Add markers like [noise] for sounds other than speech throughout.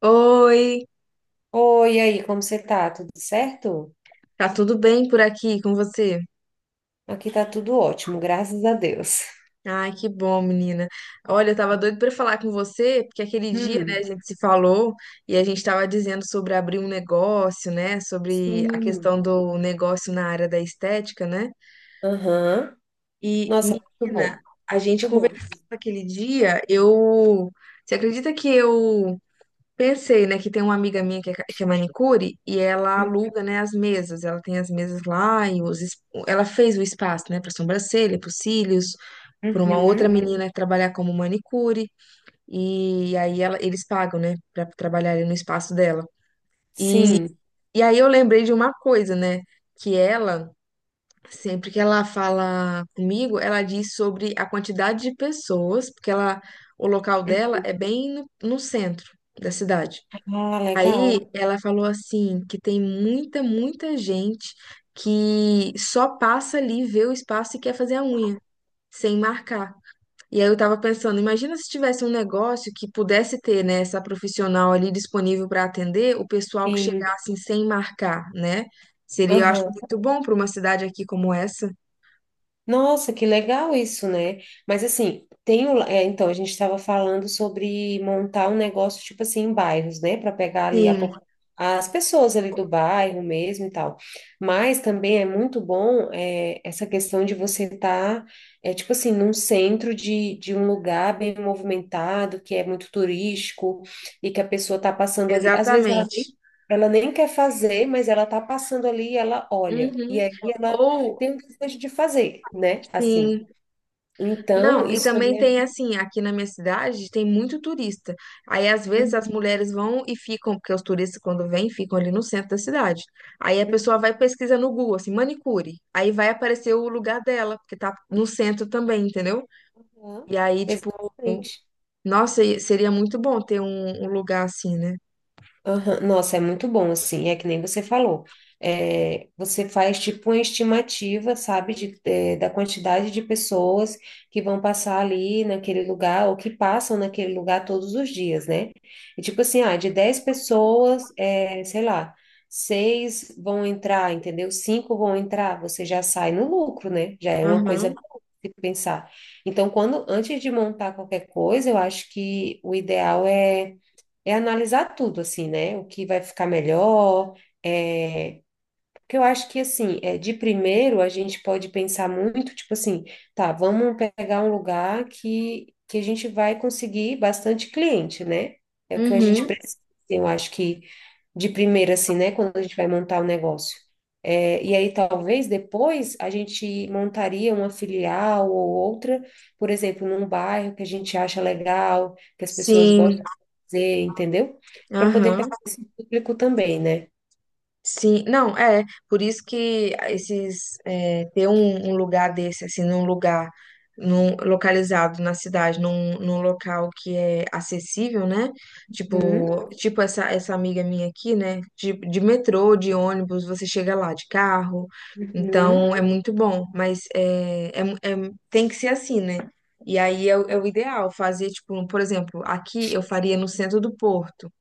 Oi, Oi, e aí, como você tá? Tudo certo? tá tudo bem por aqui com você? Aqui tá tudo ótimo, graças a Deus. Ai, que bom, menina. Olha, eu tava doido pra falar com você, porque aquele dia, né, a Hum, gente se falou e a gente tava dizendo sobre abrir um negócio, né, sobre a sim. questão do negócio na área da estética, né? Aham. E, Nossa, muito menina, bom. a gente Muito bom. conversou aquele dia, Você acredita que eu pensei, né, que tem uma amiga minha que é manicure e ela aluga, né, as mesas. Ela tem as mesas lá e ela fez o espaço, né, para sobrancelha, para cílios, para uma outra Uhum. menina que trabalhar como manicure e aí ela, eles pagam, né, para trabalhar ali no espaço dela. E, Sim. e aí eu lembrei de uma coisa, né, que ela sempre que ela fala comigo, ela diz sobre a quantidade de pessoas, porque ela, o local dela é bem no centro da cidade. Ah, Aí legal. ela falou assim que tem muita, muita gente que só passa ali, vê o espaço e quer fazer a unha, sem marcar. E aí eu tava pensando, imagina se tivesse um negócio que pudesse ter, né, essa profissional ali disponível para atender o pessoal que Sim. chegasse sem marcar, né? Seria, eu acho, Aham. muito bom para uma cidade aqui como essa. Nossa, que legal isso, né? Mas assim, então a gente estava falando sobre montar um negócio tipo assim em bairros, né, para pegar ali Sim, as pessoas ali do bairro mesmo e tal. Mas também é muito bom, essa questão de você estar tipo assim num centro de um lugar bem movimentado, que é muito turístico e que a pessoa está passando ali. Às vezes ela nem, exatamente. ela nem quer fazer, mas ela está passando ali e ela olha. E Uhum. aí ela Ou, tem um desejo de fazer, né? Assim. sim. Então, Não, e isso também também é. tem assim, aqui na minha cidade tem muito turista. Aí às vezes as mulheres vão e ficam, porque os turistas quando vêm ficam ali no centro da cidade. Aí a pessoa vai e pesquisa no Google, assim, manicure. Aí vai aparecer o lugar dela, porque tá no centro também, entendeu? Uhum. E aí, tipo, Exatamente. nossa, e seria muito bom ter um lugar assim, né? Aham, nossa, é muito bom, assim, é que nem você falou. É, você faz tipo uma estimativa, sabe, da quantidade de pessoas que vão passar ali naquele lugar ou que passam naquele lugar todos os dias, né? E tipo assim, ah, de 10 pessoas, sei lá, seis vão entrar, entendeu? Cinco vão entrar, você já sai no lucro, né? Já é uma coisa Aham, boa de pensar. Então, quando antes de montar qualquer coisa, eu acho que o ideal é analisar tudo, assim, né? O que vai ficar melhor, é, porque eu acho que, assim, de primeiro a gente pode pensar muito, tipo assim, tá, vamos pegar um lugar que a gente vai conseguir bastante cliente, né? É o que a gente uhum, precisa, assim, eu acho que de primeiro, assim, né, quando a gente vai montar o negócio. E aí, talvez, depois, a gente montaria uma filial ou outra, por exemplo, num bairro que a gente acha legal, que as pessoas sim, gostam de fazer, entendeu? Para poder aham. pegar esse público também, né? Sim, não, é, por isso que esses, é, ter um lugar desse, assim, num lugar num, localizado na cidade, num, num local que é acessível, né? Uhum, Tipo, tipo essa, essa amiga minha aqui, né? De metrô, de ônibus, você chega lá de carro, uhum. então é muito bom, mas é, é, tem que ser assim, né? E aí é, o é o ideal, fazer, tipo, por exemplo, aqui eu faria no centro do Porto.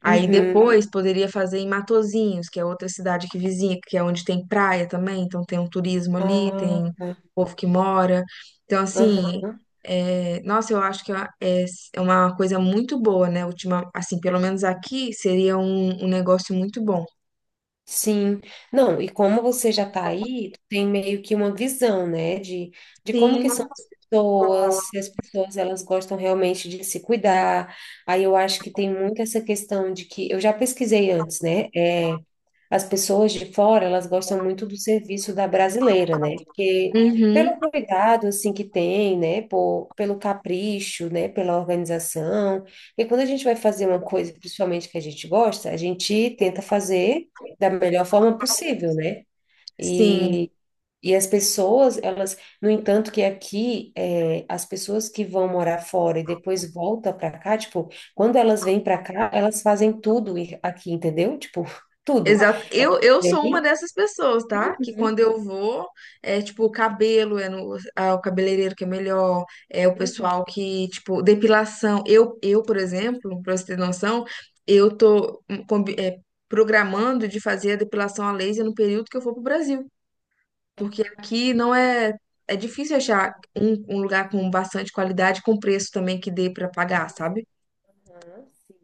Aí Uhum. depois poderia fazer em Matozinhos, que é outra cidade que vizinha, que é onde tem praia também, então tem um turismo ali, Ah, tem tá. povo que mora. Então, assim, Aham. é, nossa, eu acho que é uma coisa muito boa, né? Ultima, assim, pelo menos aqui seria um, um negócio muito bom. Sim. Não, e como você já está aí, tu tem meio que uma visão, né, de como Sim, que são as pessoas, se as pessoas elas gostam realmente de se cuidar. Aí eu acho que tem muito essa questão de que eu já pesquisei antes, né? É, as pessoas de fora, elas gostam muito do serviço da brasileira, né? Porque uhum, pelo cuidado, assim, que tem, né? Pelo capricho, né? Pela organização. E quando a gente vai fazer uma coisa, principalmente que a gente gosta, a gente tenta fazer da melhor forma possível, né? sim. E as pessoas, elas, no entanto, que aqui, as pessoas que vão morar fora e depois volta para cá, tipo, quando elas vêm para cá, elas fazem tudo aqui, entendeu? Tipo, [laughs] tudo. Exato. Elas Eu sou uma vêm- dessas pessoas, tá? Que quando Uhum, eu vou, é tipo, o cabelo é no, ah, o cabeleireiro que é melhor, é o uhum. pessoal que, tipo, depilação. Eu, por exemplo, pra você ter noção, eu tô programando de fazer a depilação a laser no período que eu for pro Brasil, porque aqui não é, é difícil achar um, um lugar com bastante qualidade, com preço também que dê pra pagar, sabe? Aham, sim.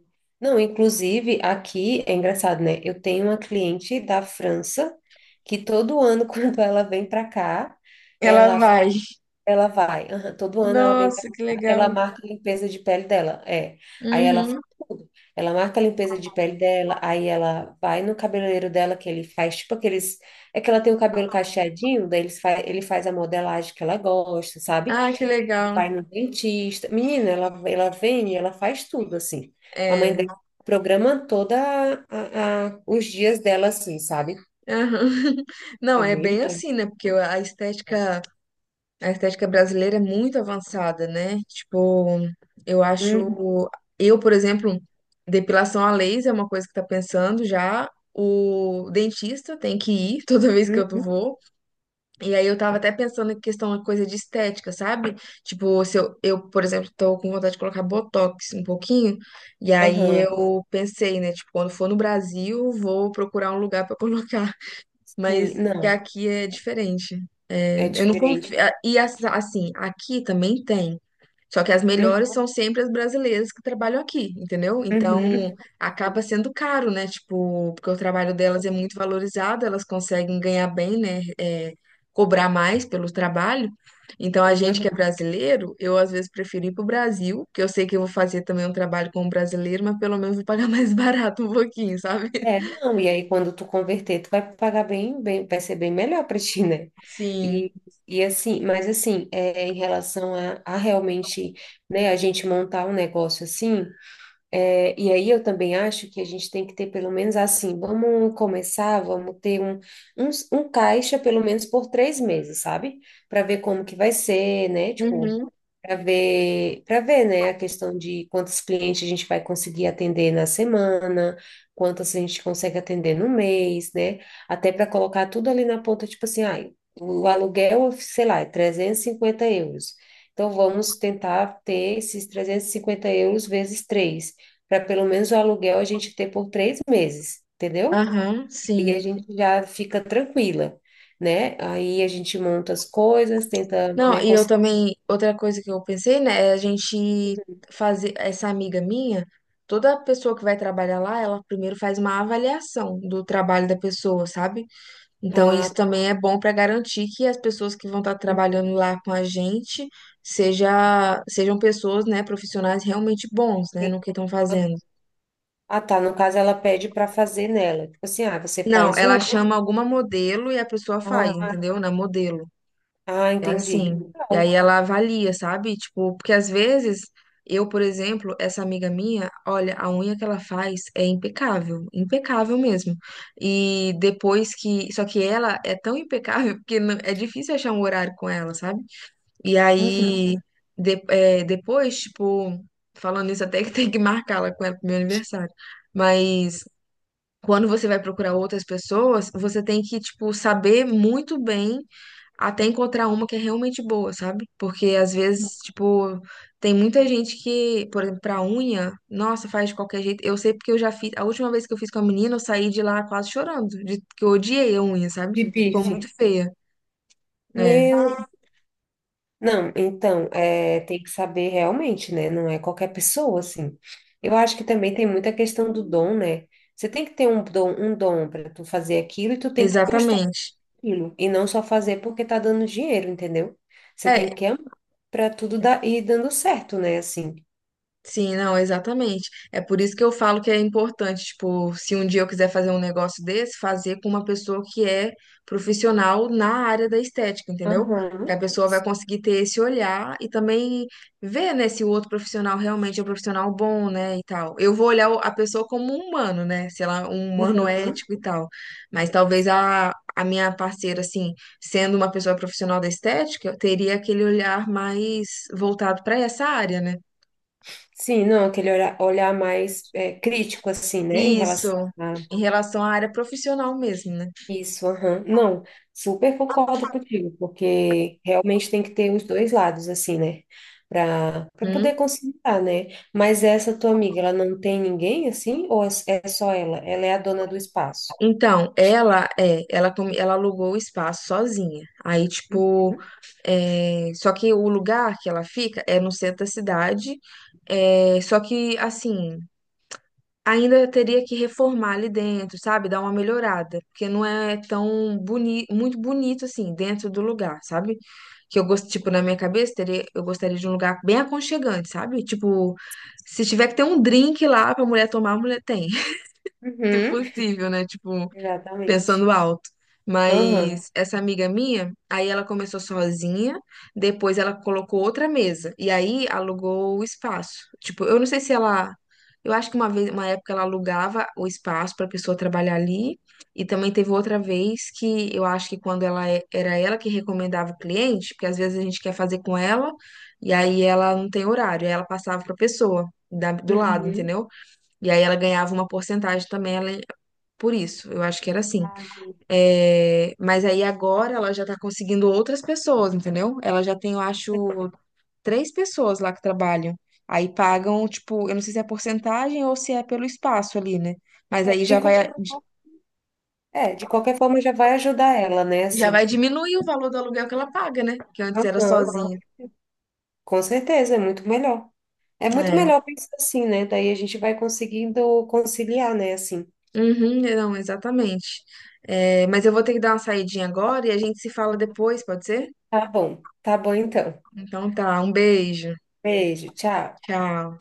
Não, inclusive, aqui é engraçado, né? Eu tenho uma cliente da França que todo ano, [laughs] quando ela vem para cá, Ela ela vai. Ela vai, aham, todo ano ela vem pra Nossa, que cá, ela legal. marca a limpeza de pele dela, é. Aí ela faz Uhum. tudo. Ela marca a limpeza de pele dela, aí ela vai no cabeleireiro dela que ele faz, tipo aqueles, é que ela tem o cabelo cacheadinho, daí ele faz a modelagem que ela gosta, sabe? Ah, que legal. Vai no dentista. Menina, ela vem e ela faz tudo assim. A mãe É. dela programa toda os dias dela assim, sabe? Aham. [laughs] Não, É é bem bem bom. assim, né? Porque a estética brasileira é muito avançada, né? Tipo, eu Uhum, acho, eu, por exemplo, depilação a laser é uma coisa que tá pensando já. O dentista tem que ir [laughs] toda vez que uhum. eu Uhum. vou. E aí eu tava até pensando em questão de coisa de estética, sabe? Tipo, se eu, por exemplo, tô com vontade de colocar botox um pouquinho. E aí Aham, eu pensei, né? Tipo, quando for no Brasil, vou procurar um lugar pra [laughs] colocar, sim, mas que não, aqui é diferente. É, é eu não confio. diferente. Assim, aqui também tem. Só que as Uhum, melhores são sempre as brasileiras que trabalham aqui, entendeu? Então uhum. acaba sendo caro, né? Tipo, porque o trabalho delas é muito valorizado, elas conseguem ganhar bem, né? É, cobrar mais pelo trabalho. Então a Sim, gente que aham. é brasileiro, eu às vezes prefiro ir pro Brasil, que eu sei que eu vou fazer também um trabalho como brasileiro, mas pelo menos vou pagar [laughs] mais barato um pouquinho, sabe? É, não, e aí quando tu converter, tu vai pagar bem, bem, vai ser bem melhor para ti, né? Sim. E, e assim, mas assim, em relação a realmente, né, a gente montar um negócio assim, e aí eu também acho que a gente tem que ter pelo menos assim, vamos começar, vamos ter um caixa pelo menos por 3 meses, sabe? Para ver como que vai ser, né? Tipo, Uhum. para ver, né, a questão de quantos clientes a gente vai conseguir atender na semana, quantos a gente consegue atender no mês, né? Até para colocar tudo ali na ponta, tipo assim, ah, o aluguel, sei lá, é 350 euros. Então vamos tentar ter esses 350 euros vezes três, para pelo menos o aluguel a gente ter por 3 meses, entendeu? Aham, E sim. a gente já fica tranquila. Né? Aí a gente monta as coisas, tenta, Não, né, e eu conseguir também, outra coisa que eu pensei, né, é a gente fazer, essa amiga minha, toda pessoa que vai trabalhar lá, ela primeiro faz uma avaliação do trabalho da pessoa, sabe? Então, a. isso também é bom para garantir que as pessoas que vão estar trabalhando lá com a gente sejam pessoas, né, profissionais realmente bons, né, no Sim. que estão fazendo. Ah, tá. No caso, ela pede para fazer nela. Tipo assim, ah, você Não, faz um. ela chama alguma modelo e a pessoa faz, Ah, entendeu? Na modelo. ah, É entendi. assim. E aí Legal. ela avalia, sabe? Tipo, porque às vezes eu, por exemplo, essa amiga minha, olha, a unha que ela faz é impecável, impecável mesmo. E depois que, só que ela é tão impecável [laughs] que é difícil achar um horário com ela, sabe? E Uhum. aí depois, tipo, falando isso até que [laughs] tem que marcar ela com ela pro meu aniversário. Mas quando você vai procurar outras pessoas, você tem que, tipo, saber muito bem até encontrar uma que é realmente boa, sabe? Porque às vezes, tipo, tem muita gente que, por exemplo, pra unha, nossa, faz de qualquer jeito. Eu sei porque eu já fiz, a última vez que eu fiz com a menina, eu saí de lá quase chorando, de que eu odiei a unha, sabe? De Ficou bife. muito feia, né? Meu. Não, então, é, tem que saber realmente, né? Não é qualquer pessoa, assim. Eu acho que também tem muita questão do dom, né? Você tem que ter um dom para tu fazer aquilo e tu tem que gostar Exatamente. daquilo. E não só fazer porque tá dando dinheiro, entendeu? Você É. tem que amar para tudo dar, ir dando certo, né? Assim. Sim, não, exatamente. É por isso que eu falo que é importante, tipo, se um dia eu quiser fazer um negócio desse, fazer com uma pessoa que é profissional na área da estética, entendeu? Que Aham. a pessoa vai Sim. conseguir ter esse olhar e também ver, né, se o outro profissional realmente é um profissional bom, né, e tal. Eu vou olhar a pessoa como um humano, né, sei lá, um humano Aham. ético e tal. Mas talvez a minha parceira, assim, sendo uma pessoa profissional da estética, eu teria aquele olhar mais voltado para essa área, né? Sim, não, aquele olhar, olhar mais crítico, assim, né, em Isso, relação a em relação à área profissional mesmo, né? isso, aham. Não, super concordo contigo, porque realmente tem que ter os dois lados, assim, né, para Hum. poder conciliar, né? Mas essa tua amiga, ela não tem ninguém, assim, ou é só ela? Ela é a dona do espaço? Então, ela é, ela, come- ela alugou o espaço sozinha. Aí, tipo, é, só que o lugar que ela fica é no centro da cidade. É, só que, assim, ainda teria que reformar ali dentro, sabe? Dar uma melhorada, porque não é tão boni muito bonito assim dentro do lugar, sabe? Que eu gosto, tipo, na minha cabeça, teria, eu gostaria de um lugar bem aconchegante, sabe? Tipo, se tiver que ter um drink lá pra mulher tomar, a mulher tem, [laughs] se Uhum, possível, né? Tipo, exatamente. pensando alto. Aham. Mas essa amiga minha, aí ela começou sozinha, depois ela colocou outra mesa e aí alugou o espaço. Tipo, eu não sei se ela, eu acho que uma vez, uma época ela alugava o espaço para pessoa trabalhar ali, e também teve outra vez que eu acho que quando era ela que recomendava o cliente, porque às vezes a gente quer fazer com ela e aí ela não tem horário, aí ela passava para pessoa do lado, Uhum. entendeu? E aí ela ganhava uma porcentagem também ela, por isso. Eu acho que era assim. Ah, entendi. É, mas aí agora ela já tá conseguindo outras pessoas, entendeu? Ela já tem, eu acho, três pessoas lá que trabalham. Aí pagam, tipo, eu não sei se é porcentagem ou se é pelo espaço ali, né? Mas É, aí de qualquer forma, de qualquer forma já vai ajudar ela, né, já vai assim. diminuir o valor do aluguel que ela paga, né? Que antes era Aham. sozinha. Com certeza, é muito melhor. É muito É. melhor pensar assim, né? Daí a gente vai conseguindo conciliar, né? Assim. Uhum, não, exatamente. É, mas eu vou ter que dar uma saidinha agora e a gente se fala depois, pode ser? Tá bom então. Então tá, um beijo. Beijo, tchau. Tchau.